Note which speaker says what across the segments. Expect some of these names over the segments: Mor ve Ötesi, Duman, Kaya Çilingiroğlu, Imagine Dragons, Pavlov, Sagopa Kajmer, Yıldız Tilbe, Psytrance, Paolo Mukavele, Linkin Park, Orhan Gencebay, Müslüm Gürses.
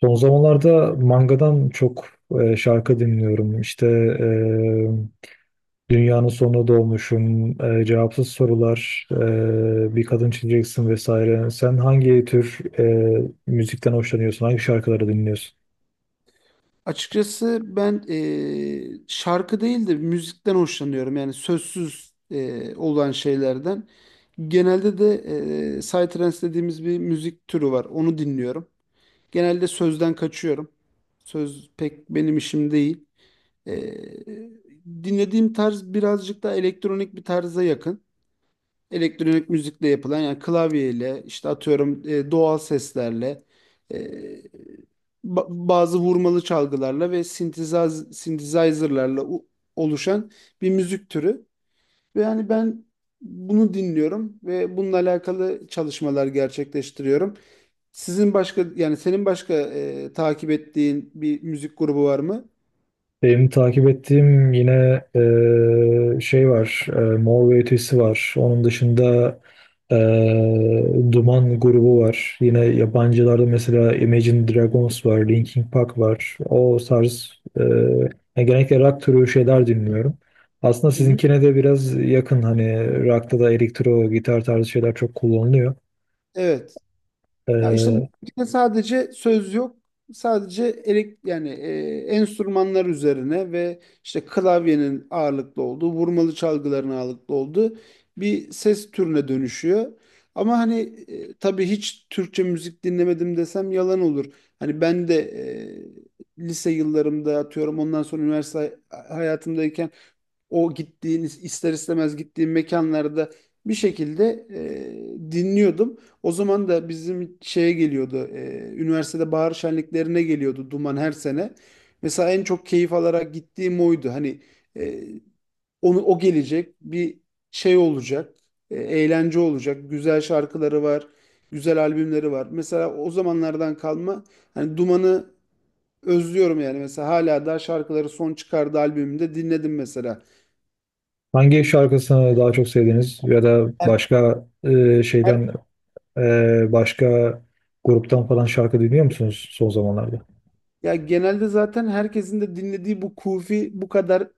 Speaker 1: Son zamanlarda mangadan çok şarkı dinliyorum. İşte e, Dünyanın Sonuna Doğmuşum, Cevapsız Sorular, Bir Kadın Çizeceksin vesaire. Sen hangi tür müzikten hoşlanıyorsun? Hangi şarkıları dinliyorsun?
Speaker 2: Açıkçası ben şarkı değil de müzikten hoşlanıyorum. Yani sözsüz olan şeylerden. Genelde de psytrance dediğimiz bir müzik türü var. Onu dinliyorum. Genelde sözden kaçıyorum. Söz pek benim işim değil. Eee, Dinlediğim tarz birazcık daha elektronik bir tarza yakın, elektronik müzikle yapılan, yani klavyeyle işte atıyorum, doğal seslerle, e, bazı vurmalı çalgılarla ve synthesizer'larla oluşan bir müzik türü. Ve yani ben bunu dinliyorum ve bununla alakalı çalışmalar gerçekleştiriyorum. Sizin başka yani senin başka takip ettiğin bir müzik grubu var mı?
Speaker 1: Benim takip ettiğim yine şey var, Mor ve Ötesi var. Onun dışında e, Duman grubu var. Yine yabancılarda mesela Imagine Dragons var, Linkin Park var. O tarz yani genellikle rock türü şeyler dinliyorum. Aslında
Speaker 2: Hı hı.
Speaker 1: sizinkine de biraz yakın hani rock'ta da elektro gitar tarzı şeyler çok kullanılıyor.
Speaker 2: Evet. Ya işte
Speaker 1: E,
Speaker 2: müzikte sadece söz yok. Sadece elek yani enstrümanlar üzerine ve işte klavyenin ağırlıklı olduğu, vurmalı çalgıların ağırlıklı olduğu bir ses türüne dönüşüyor. Ama hani tabii hiç Türkçe müzik dinlemedim desem yalan olur. Hani ben de lise yıllarımda, atıyorum, ondan sonra üniversite hayatımdayken, o gittiğiniz ister istemez gittiğim mekanlarda bir şekilde dinliyordum. O zaman da bizim şeye geliyordu. Üniversitede bahar şenliklerine geliyordu Duman her sene. Mesela en çok keyif alarak gittiğim oydu. Hani e, o gelecek bir şey olacak. Eğlence olacak. Güzel şarkıları var. Güzel albümleri var. Mesela o zamanlardan kalma hani Duman'ı özlüyorum, yani mesela hala da şarkıları, son çıkardığı albümünde dinledim mesela.
Speaker 1: hangi şarkısını daha çok sevdiniz ya da başka
Speaker 2: Her,
Speaker 1: şeyden Başka gruptan falan şarkı dinliyor musunuz son zamanlarda?
Speaker 2: Ya genelde zaten herkesin de dinlediği, bu kufi bu kadar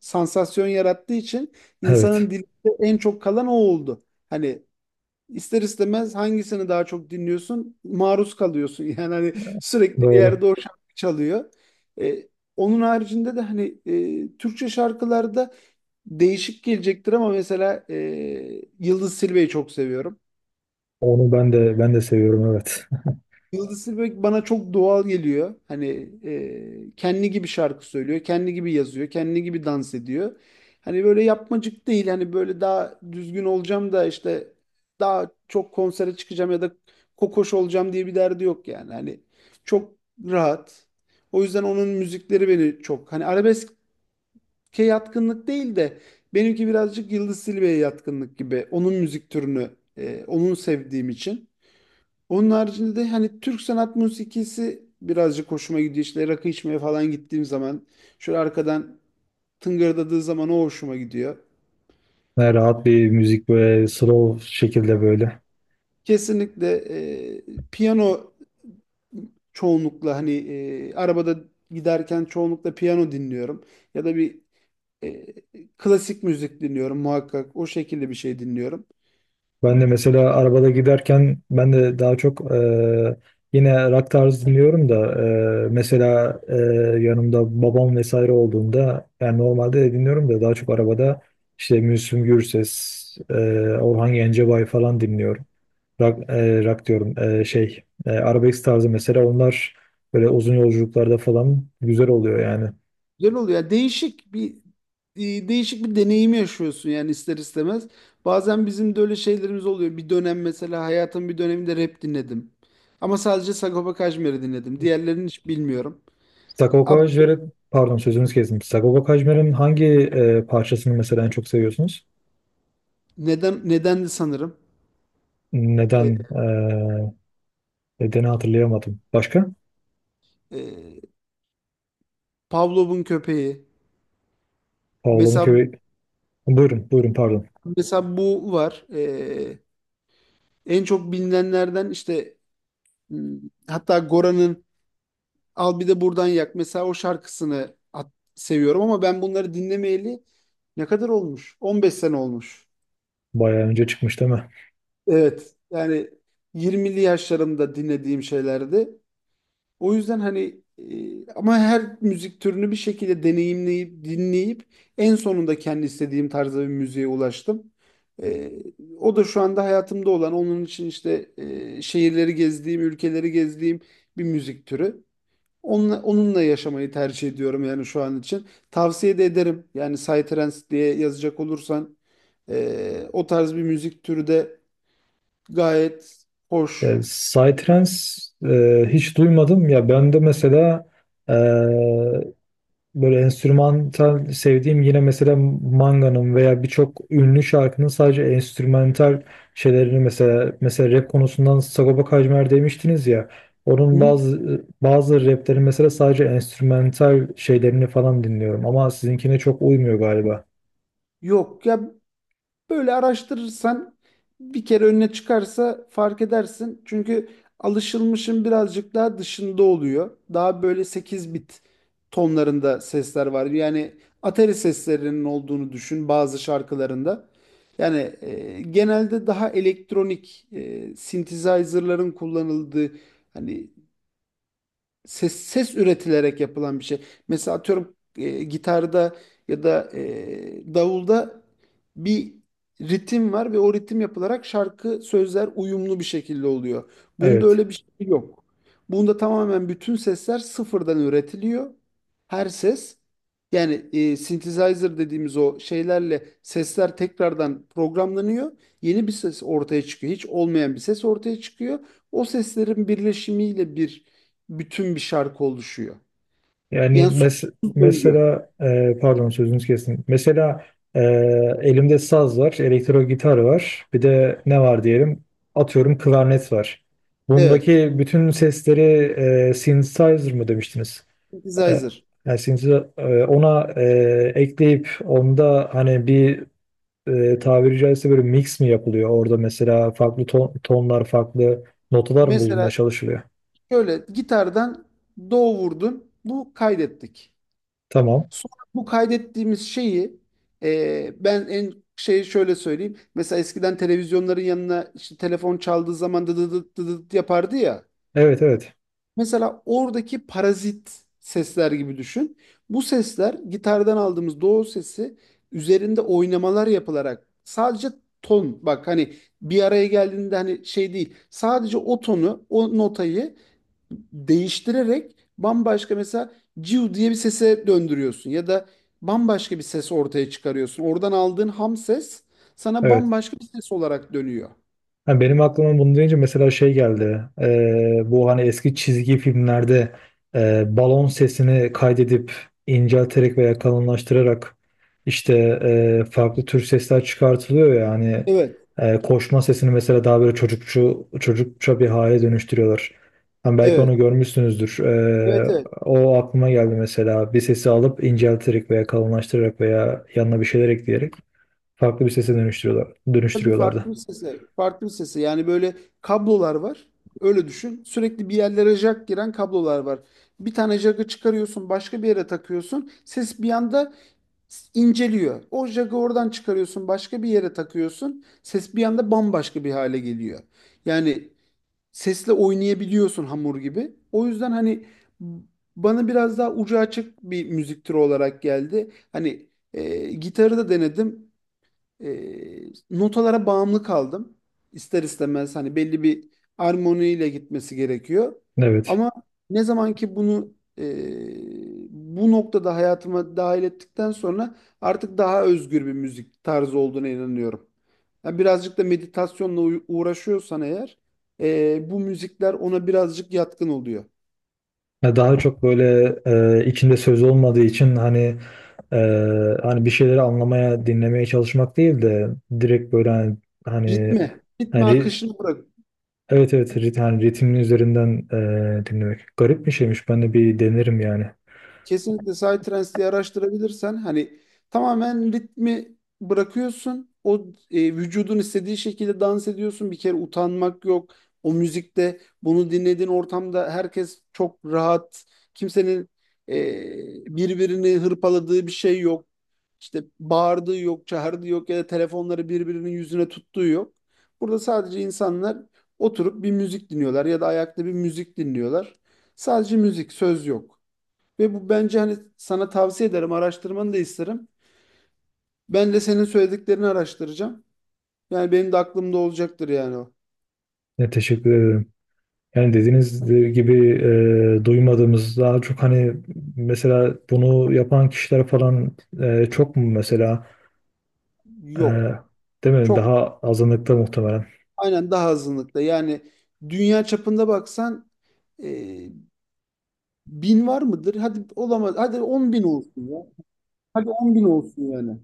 Speaker 2: sansasyon yarattığı için
Speaker 1: Evet,
Speaker 2: insanın dilinde en çok kalan o oldu. Hani ister istemez hangisini daha çok dinliyorsun, maruz kalıyorsun. Yani hani sürekli bir
Speaker 1: doğru.
Speaker 2: yerde o şarkı çalıyor. E, Onun haricinde de hani Türkçe şarkılarda değişik gelecektir ama mesela Yıldız Silve'yi çok seviyorum.
Speaker 1: Onu ben de seviyorum, evet.
Speaker 2: Yıldız Tilbe bana çok doğal geliyor. Hani kendi gibi şarkı söylüyor, kendi gibi yazıyor, kendi gibi dans ediyor. Hani böyle yapmacık değil. Hani böyle daha düzgün olacağım da, işte daha çok konsere çıkacağım ya da kokoş olacağım diye bir derdi yok yani. Hani çok rahat. O yüzden onun müzikleri beni çok hani arabeske yatkınlık değil de, benimki birazcık Yıldız Tilbe'ye yatkınlık gibi. Onun müzik türünü onun sevdiğim için. Onun haricinde de hani Türk sanat musikisi birazcık hoşuma gidiyor. İşte rakı içmeye falan gittiğim zaman şöyle arkadan tıngırdadığı zaman o hoşuma gidiyor.
Speaker 1: Yani rahat bir müzik böyle slow şekilde böyle.
Speaker 2: Kesinlikle e, piyano, çoğunlukla hani arabada giderken çoğunlukla piyano dinliyorum. Ya da bir e, klasik müzik dinliyorum muhakkak. O şekilde bir şey dinliyorum.
Speaker 1: Ben de mesela arabada giderken ben de daha çok yine rock tarzı dinliyorum da, mesela yanımda babam vesaire olduğunda, yani normalde de dinliyorum da daha çok arabada işte Müslüm Gürses, e, Orhan Gencebay falan dinliyorum. Rock, rock diyorum, arabesk tarzı, mesela onlar böyle uzun yolculuklarda falan güzel oluyor yani.
Speaker 2: Güzel oluyor. Yani değişik bir değişik bir deneyimi yaşıyorsun yani ister istemez. Bazen bizim de öyle şeylerimiz oluyor. Bir dönem, mesela hayatım bir döneminde rap dinledim. Ama sadece Sagopa Kajmer'i dinledim. Diğerlerini hiç bilmiyorum.
Speaker 1: Sagopa
Speaker 2: Ab
Speaker 1: Kajmer'i, pardon, sözünüzü kestim. Sagopa Kajmer'in hangi parçasını mesela en çok seviyorsunuz?
Speaker 2: Neden, nedendi sanırım. E,
Speaker 1: Neden? Nedeni hatırlayamadım. Başka?
Speaker 2: e, Pavlov'un köpeği.
Speaker 1: Paolo
Speaker 2: Mesela
Speaker 1: Mukavele. Buyurun, buyurun, pardon.
Speaker 2: mesela bu var. E, en çok bilinenlerden, işte hmm, hatta Gora'nın Al Bir De Buradan Yak. Mesela o şarkısını seviyorum ama ben bunları dinlemeyeli ne kadar olmuş? 15 sene olmuş.
Speaker 1: Bayağı önce çıkmış değil mi?
Speaker 2: Evet. Yani 20'li yaşlarımda dinlediğim şeylerdi. O yüzden hani ama her müzik türünü bir şekilde deneyimleyip dinleyip en sonunda kendi istediğim tarzda bir müziğe ulaştım. E, O da şu anda hayatımda olan, onun için işte şehirleri gezdiğim, ülkeleri gezdiğim bir müzik türü. Onunla, onunla yaşamayı tercih ediyorum yani şu an için. Tavsiye de ederim. Yani Psytrance diye yazacak olursan o tarz bir müzik türü de gayet
Speaker 1: Ya,
Speaker 2: hoş.
Speaker 1: Psytrance hiç duymadım ya, ben de mesela, e, böyle enstrümantal sevdiğim yine mesela Manga'nın veya birçok ünlü şarkının sadece enstrümantal şeylerini, mesela rap konusundan Sagopa Kajmer demiştiniz ya, onun
Speaker 2: Hı?
Speaker 1: bazı rapleri mesela sadece enstrümantal şeylerini falan dinliyorum, ama sizinkine çok uymuyor galiba.
Speaker 2: Yok ya, böyle araştırırsan bir kere önüne çıkarsa fark edersin. Çünkü alışılmışın birazcık daha dışında oluyor. Daha böyle 8 bit tonlarında sesler var. Yani atari seslerinin olduğunu düşün bazı şarkılarında. Yani genelde daha elektronik, synthesizer'ların kullanıldığı, hani ses üretilerek yapılan bir şey. Mesela atıyorum gitarda ya da davulda bir ritim var ve o ritim yapılarak şarkı sözler uyumlu bir şekilde oluyor. Bunda
Speaker 1: Evet.
Speaker 2: öyle bir şey yok. Bunda tamamen bütün sesler sıfırdan üretiliyor. Her ses yani synthesizer dediğimiz o şeylerle sesler tekrardan programlanıyor. Yeni bir ses ortaya çıkıyor. Hiç olmayan bir ses ortaya çıkıyor. O seslerin birleşimiyle bütün bir şarkı oluşuyor.
Speaker 1: Yani
Speaker 2: Yani sonsuz döngü.
Speaker 1: mesela pardon, sözünüzü kestim. Mesela e, elimde saz var, elektro gitar var. Bir de ne var diyelim? Atıyorum, klarnet var.
Speaker 2: Evet,
Speaker 1: Bundaki bütün sesleri synthesizer mı demiştiniz? E,
Speaker 2: synthesizer.
Speaker 1: yani ona ekleyip, onda hani bir tabiri caizse böyle mix mi yapılıyor? Orada mesela farklı tonlar, farklı notalar mı bulunmaya
Speaker 2: Mesela
Speaker 1: çalışılıyor?
Speaker 2: şöyle gitardan do vurdun, bu kaydettik.
Speaker 1: Tamam.
Speaker 2: Sonra bu kaydettiğimiz şeyi ben en şey şöyle söyleyeyim. Mesela eskiden televizyonların yanına işte telefon çaldığı zaman dı dı dı dı dı yapardı ya.
Speaker 1: Evet, evet.
Speaker 2: Mesela oradaki parazit sesler gibi düşün. Bu sesler gitardan aldığımız doğu sesi üzerinde oynamalar yapılarak sadece ton, bak hani, bir araya geldiğinde hani şey değil, sadece o tonu, o notayı değiştirerek bambaşka, mesela ciu diye bir sese döndürüyorsun ya da bambaşka bir ses ortaya çıkarıyorsun. Oradan aldığın ham ses sana
Speaker 1: Evet.
Speaker 2: bambaşka bir ses olarak dönüyor.
Speaker 1: Ha, benim aklıma bunu deyince mesela şey geldi. Bu hani eski çizgi filmlerde balon sesini kaydedip incelterek veya kalınlaştırarak işte farklı tür sesler çıkartılıyor ya hani,
Speaker 2: Evet,
Speaker 1: koşma sesini mesela daha böyle çocukça bir hale dönüştürüyorlar. Hani belki onu
Speaker 2: evet,
Speaker 1: görmüşsünüzdür.
Speaker 2: evet, evet.
Speaker 1: O aklıma geldi mesela. Bir sesi alıp incelterek veya kalınlaştırarak veya yanına bir şeyler ekleyerek farklı bir sese dönüştürüyorlar,
Speaker 2: Tabii
Speaker 1: dönüştürüyorlardı.
Speaker 2: farklı bir sesi. Farklı bir sesi. Yani böyle kablolar var. Öyle düşün. Sürekli bir yerlere jack giren kablolar var. Bir tane jack'ı çıkarıyorsun, başka bir yere takıyorsun. Ses bir anda inceliyor. O jack'ı oradan çıkarıyorsun, başka bir yere takıyorsun. Ses bir anda bambaşka bir hale geliyor. Yani sesle oynayabiliyorsun hamur gibi. O yüzden hani b- bana biraz daha ucu açık bir müzik türü olarak geldi. Hani gitarı da denedim, e, notalara bağımlı kaldım. İster istemez hani belli bir armoniyle gitmesi gerekiyor.
Speaker 1: Evet.
Speaker 2: Ama ne zaman ki bunu bu noktada hayatıma dahil ettikten sonra, artık daha özgür bir müzik tarzı olduğuna inanıyorum. Yani birazcık da meditasyonla uğraşıyorsan eğer, bu müzikler ona birazcık yatkın oluyor.
Speaker 1: Ya, daha çok böyle içinde söz olmadığı için hani e, hani bir şeyleri anlamaya, dinlemeye çalışmak değil de direkt böyle hani,
Speaker 2: Ritme, ritme
Speaker 1: hani ri-
Speaker 2: akışını bırak.
Speaker 1: evet, evet, rit, hani ritmin üzerinden dinlemek. Garip bir şeymiş. Ben de bir denerim yani.
Speaker 2: Kesinlikle Psytrance araştırabilirsen hani tamamen ritmi bırakıyorsun. O, vücudun istediği şekilde dans ediyorsun. Bir kere utanmak yok. O müzikte, bunu dinlediğin ortamda, herkes çok rahat. Kimsenin e, birbirini hırpaladığı bir şey yok. İşte bağırdığı yok, çağırdığı yok ya da telefonları birbirinin yüzüne tuttuğu yok. Burada sadece insanlar oturup bir müzik dinliyorlar ya da ayakta bir müzik dinliyorlar. Sadece müzik, söz yok. Ve bu, bence hani sana tavsiye ederim, araştırmanı da isterim. Ben de senin söylediklerini araştıracağım. Yani benim de aklımda olacaktır yani o.
Speaker 1: Ya, teşekkür ederim. Yani dediğiniz gibi duymadığımız, daha çok hani mesela bunu yapan kişiler falan çok mu mesela, e,
Speaker 2: Yok.
Speaker 1: değil mi?
Speaker 2: Çok,
Speaker 1: Daha azınlıkta muhtemelen.
Speaker 2: aynen, daha azınlıkta. Yani dünya çapında baksan e, 1.000 var mıdır? Hadi olamaz. Hadi 10.000 olsun ya. Hadi 10.000 olsun yani.